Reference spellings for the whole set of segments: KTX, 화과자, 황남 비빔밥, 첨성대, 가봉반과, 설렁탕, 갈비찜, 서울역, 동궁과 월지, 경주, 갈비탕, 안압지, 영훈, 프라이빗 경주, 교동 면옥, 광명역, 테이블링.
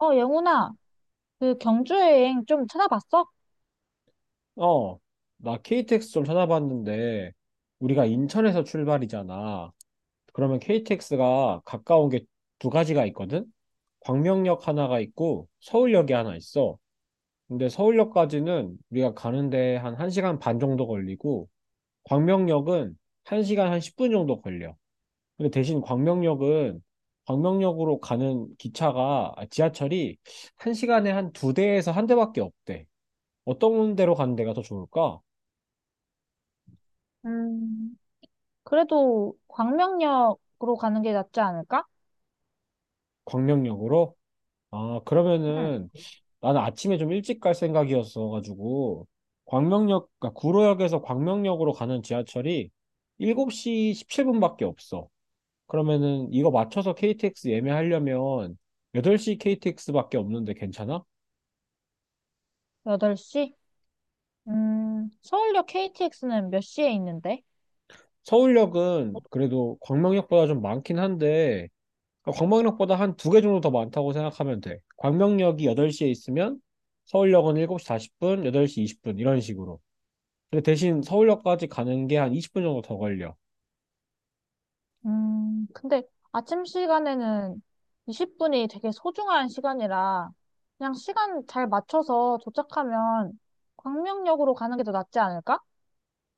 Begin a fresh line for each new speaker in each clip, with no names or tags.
어, 영훈아, 그 경주 여행 좀 찾아봤어?
어, 나 KTX 좀 찾아봤는데, 우리가 인천에서 출발이잖아. 그러면 KTX가 가까운 게 두 가지가 있거든? 광명역 하나가 있고, 서울역이 하나 있어. 근데 서울역까지는 우리가 가는데 한 1시간 반 정도 걸리고, 광명역은 1시간 한 10분 정도 걸려. 근데 대신 광명역은, 광명역으로 가는 지하철이 1시간에 한 두 대에서 한 대밖에 없대. 어떤 데로 가는 데가 더 좋을까?
음, 그래도 광명역으로 가는 게 낫지 않을까?
광명역으로? 아,
응.
그러면은 나는 아침에 좀 일찍 갈 생각이었어가지고 광명역, 그러니까 구로역에서 광명역으로 가는 지하철이 7시 17분밖에 없어. 그러면은 이거 맞춰서 KTX 예매하려면 8시 KTX밖에 없는데 괜찮아?
8시? 서울역 KTX는 몇 시에 있는데?
서울역은 그래도 광명역보다 좀 많긴 한데 그러니까 광명역보다 한 두 개 정도 더 많다고 생각하면 돼. 광명역이 8시에 있으면 서울역은 7시 40분, 8시 20분 이런 식으로. 근데 대신 서울역까지 가는 게 한 20분 정도 더 걸려.
근데 아침 시간에는 20분이 되게 소중한 시간이라 그냥 시간 잘 맞춰서 도착하면 광명역으로 가는 게 더 낫지 않을까?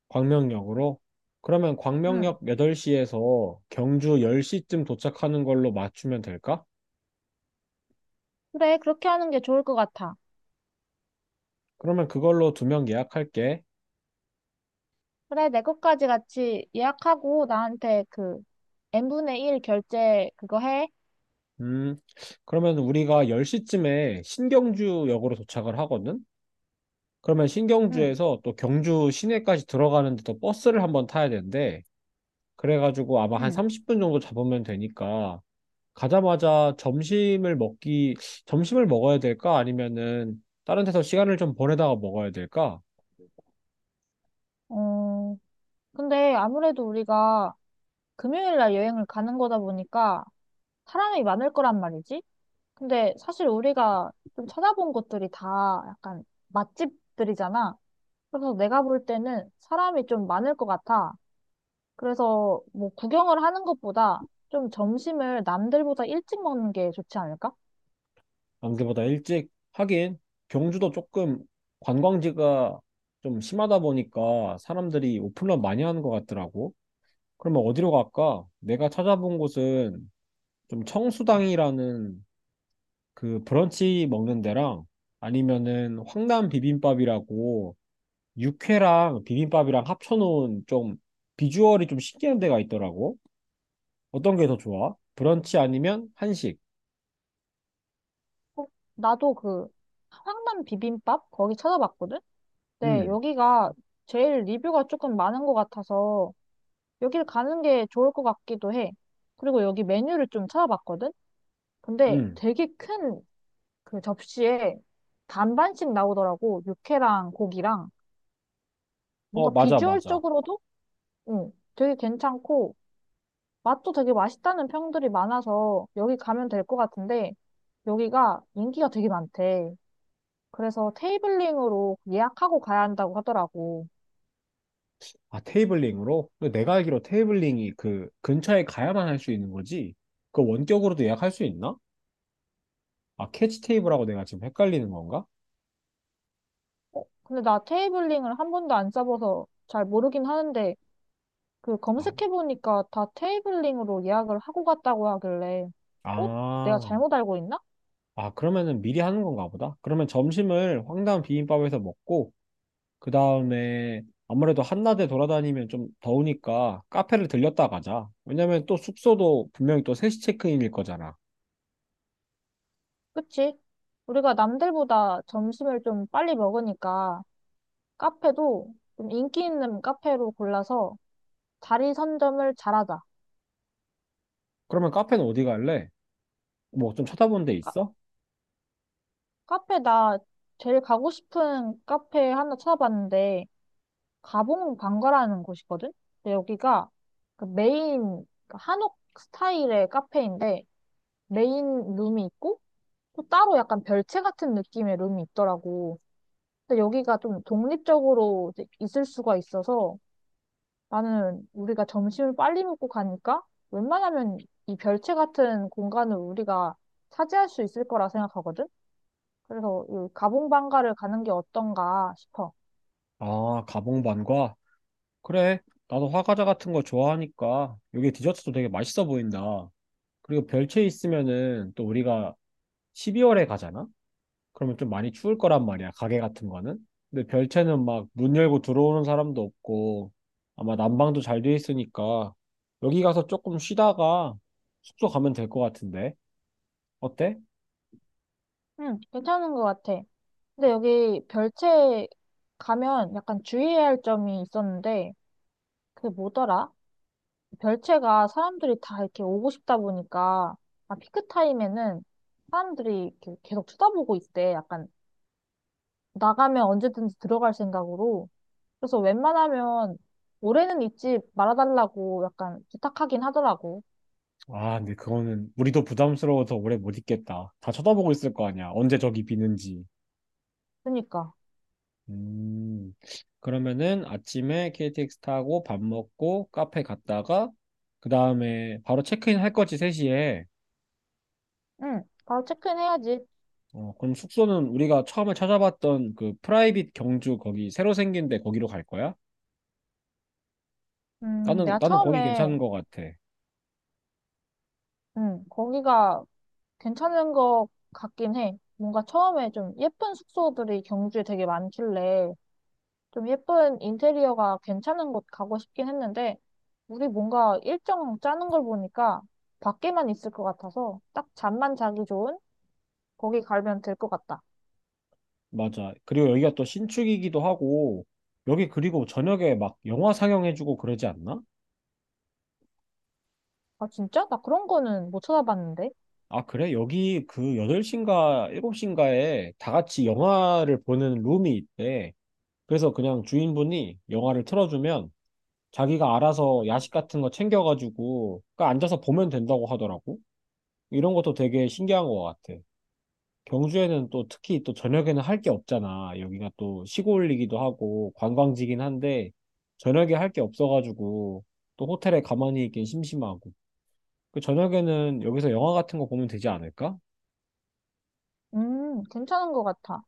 광명역으로. 그러면
응.
광명역 8시에서 경주 10시쯤 도착하는 걸로 맞추면 될까?
그래, 그렇게 하는 게 좋을 것 같아.
그러면 그걸로 두 명 예약할게.
그래, 내 것까지 같이 예약하고 나한테 그 n분의 1 결제 그거 해.
음, 그러면 우리가 10시쯤에 신경주역으로 도착을 하거든? 그러면
응,
신경주에서 또 경주 시내까지 들어가는데 또 버스를 한번 타야 되는데, 그래가지고 아마 한
응,
30분 정도 잡으면 되니까 가자마자 점심을 먹어야 될까? 아니면은 다른 데서 시간을 좀 보내다가 먹어야 될까?
어, 근데 아무래도 우리가 금요일 날 여행을 가는 거다 보니까 사람이 많을 거란 말이지. 근데 사실 우리가 좀 찾아본 곳들이 다 약간 맛집들이잖아. 그래서 내가 볼 때는 사람이 좀 많을 것 같아. 그래서 뭐 구경을 하는 것보다 좀 점심을 남들보다 일찍 먹는 게 좋지 않을까?
남들보다 일찍 하긴 경주도 조금 관광지가 좀 심하다 보니까 사람들이 오픈런 많이 하는 것 같더라고. 그러면 어디로 갈까? 내가 찾아본 곳은 좀 청수당이라는 그 브런치 먹는 데랑 아니면은 황남 비빔밥이라고 육회랑 비빔밥이랑 합쳐놓은 좀 비주얼이 좀 신기한 데가 있더라고. 어떤 게 더 좋아? 브런치 아니면 한식?
어, 나도 그 황남 비빔밥 거기 찾아봤거든? 네,
음,
여기가 제일 리뷰가 조금 많은 것 같아서 여기를 가는 게 좋을 것 같기도 해. 그리고 여기 메뉴를 좀 찾아봤거든? 근데
음.
되게 큰 그 접시에 반반씩 나오더라고. 육회랑 고기랑.
어,
뭔가
맞아, 맞아.
비주얼적으로도 응, 되게 괜찮고 맛도 되게 맛있다는 평들이 많아서 여기 가면 될 것 같은데 여기가 인기가 되게 많대. 그래서 테이블링으로 예약하고 가야 한다고 하더라고.
아, 테이블링으로? 근데 내가 알기로 테이블링이 그 근처에 가야만 할 수 있는 거지? 그 원격으로도 예약할 수 있나? 아, 캐치 테이블하고 내가 지금 헷갈리는 건가?
어, 근데 나 테이블링을 한 번도 안 써봐서 잘 모르긴 하는데, 그
아,
검색해보니까 다 테이블링으로 예약을 하고 갔다고 하길래, 어? 내가
아,
잘못 알고 있나?
아, 그러면은 미리 하는 건가 보다. 그러면 점심을 황당 비빔밥에서 먹고, 그 다음에 아무래도 한낮에 돌아다니면 좀 더우니까 카페를 들렸다 가자. 왜냐면 또 숙소도 분명히 또 3시 체크인일 거잖아.
그치? 우리가 남들보다 점심을 좀 빨리 먹으니까 카페도 좀 인기 있는 카페로 골라서 자리 선점을 잘하자.
그러면 카페는 어디 갈래? 뭐 좀 찾아본 데
카,
있어?
카페 나 제일 가고 싶은 카페 하나 찾아봤는데, 가봉 방가라는 곳이거든? 근데 여기가 그 메인 그 한옥 스타일의 카페인데 메인 룸이 있고 또 따로 약간 별채 같은 느낌의 룸이 있더라고. 근데 여기가 좀 독립적으로 이제 있을 수가 있어서 나는 우리가 점심을 빨리 먹고 가니까 웬만하면 이 별채 같은 공간을 우리가 차지할 수 있을 거라 생각하거든? 그래서 이 가봉 방가를 가는 게 어떤가 싶어.
아, 가봉반과? 그래. 나도 화과자 같은 거 좋아하니까 여기 디저트도 되게 맛있어 보인다. 그리고 별채 있으면은 또 우리가 12월에 가잖아? 그러면 좀 많이 추울 거란 말이야, 가게 같은 거는. 근데 별채는 막 문 열고 들어오는 사람도 없고 아마 난방도 잘 돼 있으니까 여기 가서 조금 쉬다가 숙소 가면 될 것 같은데. 어때?
응, 괜찮은 것 같아. 근데 여기 별채 가면 약간 주의해야 할 점이 있었는데, 그게 뭐더라? 별채가 사람들이 다 이렇게 오고 싶다 보니까, 아, 피크 타임에는 사람들이 이렇게 계속 쳐다보고 있대. 약간 나가면 언제든지 들어갈 생각으로. 그래서 웬만하면 올해는 잊지 말아달라고 약간 부탁하긴 하더라고.
아, 근데 그거는 우리도 부담스러워서 오래 못 있겠다. 다 쳐다보고 있을 거 아니야. 언제 저기 비는지.
그러니까.
음, 그러면은 아침에 KTX 타고 밥 먹고 카페 갔다가 그 다음에 바로 체크인 할 거지 3시에.
응, 바로 체크인 해야지.
어, 그럼 숙소는 우리가 처음에 찾아봤던 그 프라이빗 경주 거기 새로 생긴 데 거기로 갈 거야? 나는
내가
나는 거기
처음에,
괜찮은 것 같아.
거기가 괜찮은 것 같긴 해. 뭔가 처음에 좀 예쁜 숙소들이 경주에 되게 많길래 좀 예쁜 인테리어가 괜찮은 곳 가고 싶긴 했는데 우리 뭔가 일정 짜는 걸 보니까 밖에만 있을 것 같아서 딱 잠만 자기 좋은 거기 가면 될 것 같다.
맞아. 그리고 여기가 또 신축이기도 하고 여기 그리고 저녁에 막 영화 상영해주고 그러지 않나?
아, 진짜? 나 그런 거는 못 찾아봤는데.
아, 그래? 여기 그 8시인가 7시인가에 다 같이 영화를 보는 룸이 있대. 그래서 그냥 주인분이 영화를 틀어주면 자기가 알아서 야식 같은 거 챙겨가지고 그 앉아서 보면 된다고 하더라고. 이런 것도 되게 신기한 것 같아. 경주에는 또 특히 또 저녁에는 할 게 없잖아. 여기가 또 시골이기도 하고 관광지긴 한데 저녁에 할 게 없어가지고 또 호텔에 가만히 있긴 심심하고. 그 저녁에는 여기서 영화 같은 거 보면 되지 않을까?
괜찮은 것 같아.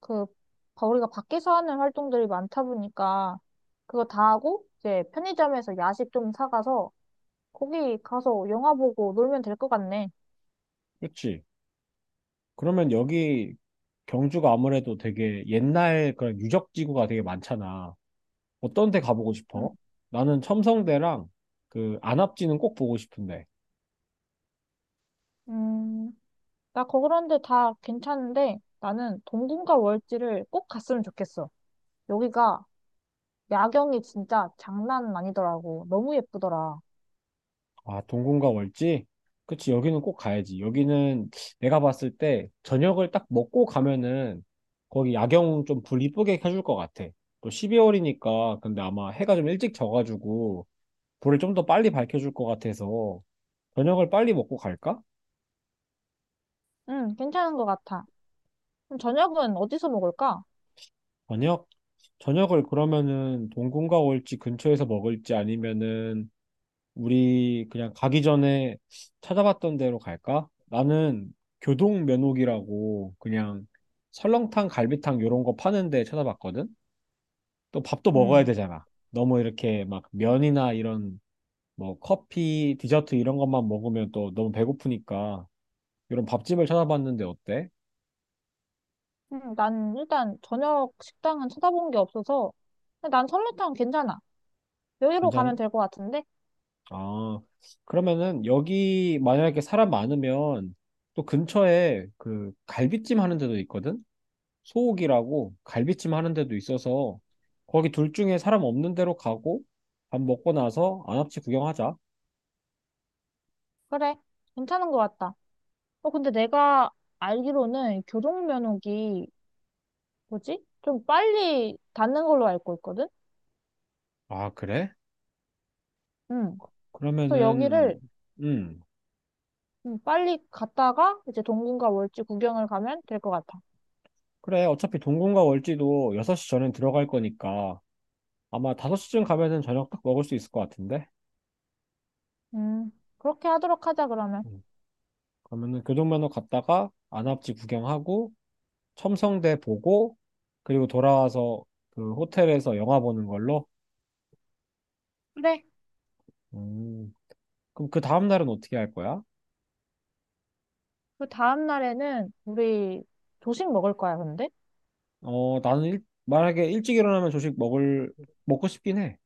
그, 우리가 밖에서 하는 활동들이 많다 보니까, 그거 다 하고, 이제 편의점에서 야식 좀 사가서 거기 가서 영화 보고 놀면 될 것 같네.
그렇지. 그러면 여기 경주가 아무래도 되게 옛날 그런 유적지구가 되게 많잖아. 어떤 데 가보고
응.
싶어? 나는 첨성대랑 그 안압지는 꼭 보고 싶은데.
음, 그런데 다 괜찮은데 나는 동궁과 월지를 꼭 갔으면 좋겠어. 여기가 야경이 진짜 장난 아니더라고. 너무 예쁘더라.
아, 동궁과 월지? 그치, 여기는 꼭 가야지. 여기는 내가 봤을 때 저녁을 딱 먹고 가면은 거기 야경 좀 불 이쁘게 켜줄 것 같아. 또 12월이니까 근데 아마 해가 좀 일찍 져가지고 불을 좀 더 빨리 밝혀줄 것 같아서 저녁을 빨리 먹고 갈까?
응, 괜찮은 것 같아. 그럼 저녁은 어디서 먹을까?
저녁? 저녁을 그러면은 동궁과 월지 근처에서 먹을지 아니면은 우리 그냥 가기 전에 찾아봤던 데로 갈까? 나는 교동 면옥이라고 그냥 설렁탕, 갈비탕 요런 거 파는 데 찾아봤거든? 또 밥도 먹어야
응.
되잖아. 너무 이렇게 막 면이나 이런 뭐 커피, 디저트 이런 것만 먹으면 또 너무 배고프니까 이런 밥집을 찾아봤는데 어때?
난 일단 저녁 식당은 찾아본 게 없어서 근데 난 설렁탕 괜찮아. 여기로 가면
괜찮?
될 것 같은데?
아, 그러면은 여기 만약에 사람 많으면 또 근처에 그 갈비찜 하는 데도 있거든? 소옥이라고 갈비찜 하는 데도 있어서 거기 둘 중에 사람 없는 데로 가고 밥 먹고 나서 안압지 구경하자.
그래, 괜찮은 것 같다. 어, 근데 내가 알기로는 교동면옥이 뭐지? 좀 빨리 닿는 걸로 알고 있거든?
아, 그래?
응. 그래서
그러면은,
여기를
음,
빨리 갔다가 이제 동궁과 월지 구경을 가면 될 것 같아.
그래. 어차피 동궁과 월지도 6시 전엔 들어갈 거니까 아마 5시쯤 가면은 저녁 딱 먹을 수 있을 것 같은데?
음, 그렇게 하도록 하자, 그러면.
음, 그러면은 교동면허 갔다가 안압지 구경하고 첨성대 보고 그리고 돌아와서 그 호텔에서 영화 보는 걸로?
그래.
음, 그럼 그 다음날은 어떻게 할 거야?
그 다음 날에는 우리 조식 먹을 거야, 근데?
어, 나는 만약에 일찍 일어나면 조식 먹고 싶긴 해.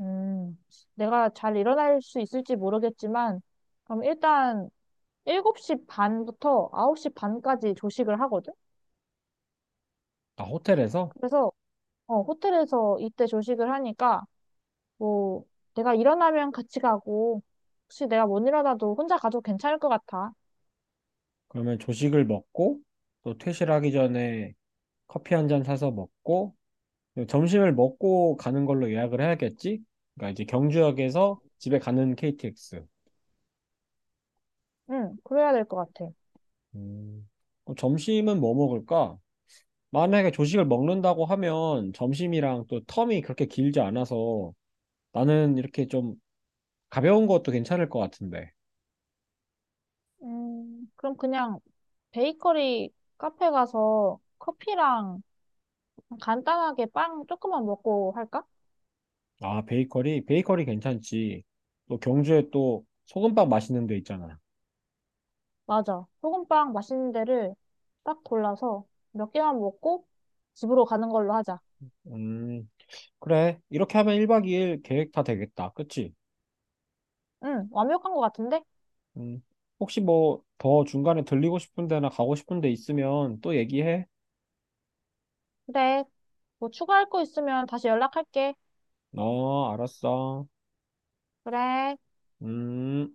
음, 내가 잘 일어날 수 있을지 모르겠지만, 그럼 일단 7시 반부터 9시 반까지 조식을 하거든?
나 호텔에서?
그래서, 호텔에서 이때 조식을 하니까, 뭐, 내가 일어나면 같이 가고, 혹시 내가 못 일어나도 혼자 가도 괜찮을 것 같아.
그러면 조식을 먹고, 또 퇴실하기 전에 커피 한 잔 사서 먹고, 그리고 점심을 먹고 가는 걸로 예약을 해야겠지? 그러니까 이제 경주역에서 집에 가는 KTX.
응, 그래야 될 것 같아.
음. 점심은 뭐 먹을까? 만약에 조식을 먹는다고 하면 점심이랑 또 텀이 그렇게 길지 않아서 나는 이렇게 좀 가벼운 것도 괜찮을 것 같은데.
그럼 그냥 베이커리 카페 가서 커피랑 간단하게 빵 조금만 먹고 할까?
아, 베이커리? 베이커리 괜찮지. 또 경주에 또 소금빵 맛있는 데 있잖아.
맞아. 소금빵 맛있는 데를 딱 골라서 몇 개만 먹고 집으로 가는 걸로 하자.
음, 그래. 이렇게 하면 1박 2일 계획 다 되겠다. 그치?
응, 완벽한 것 같은데?
음, 혹시 뭐 더 중간에 들리고 싶은 데나 가고 싶은 데 있으면 또 얘기해.
그래. 뭐 추가할 거 있으면 다시 연락할게.
어, 알았어.
그래.
음.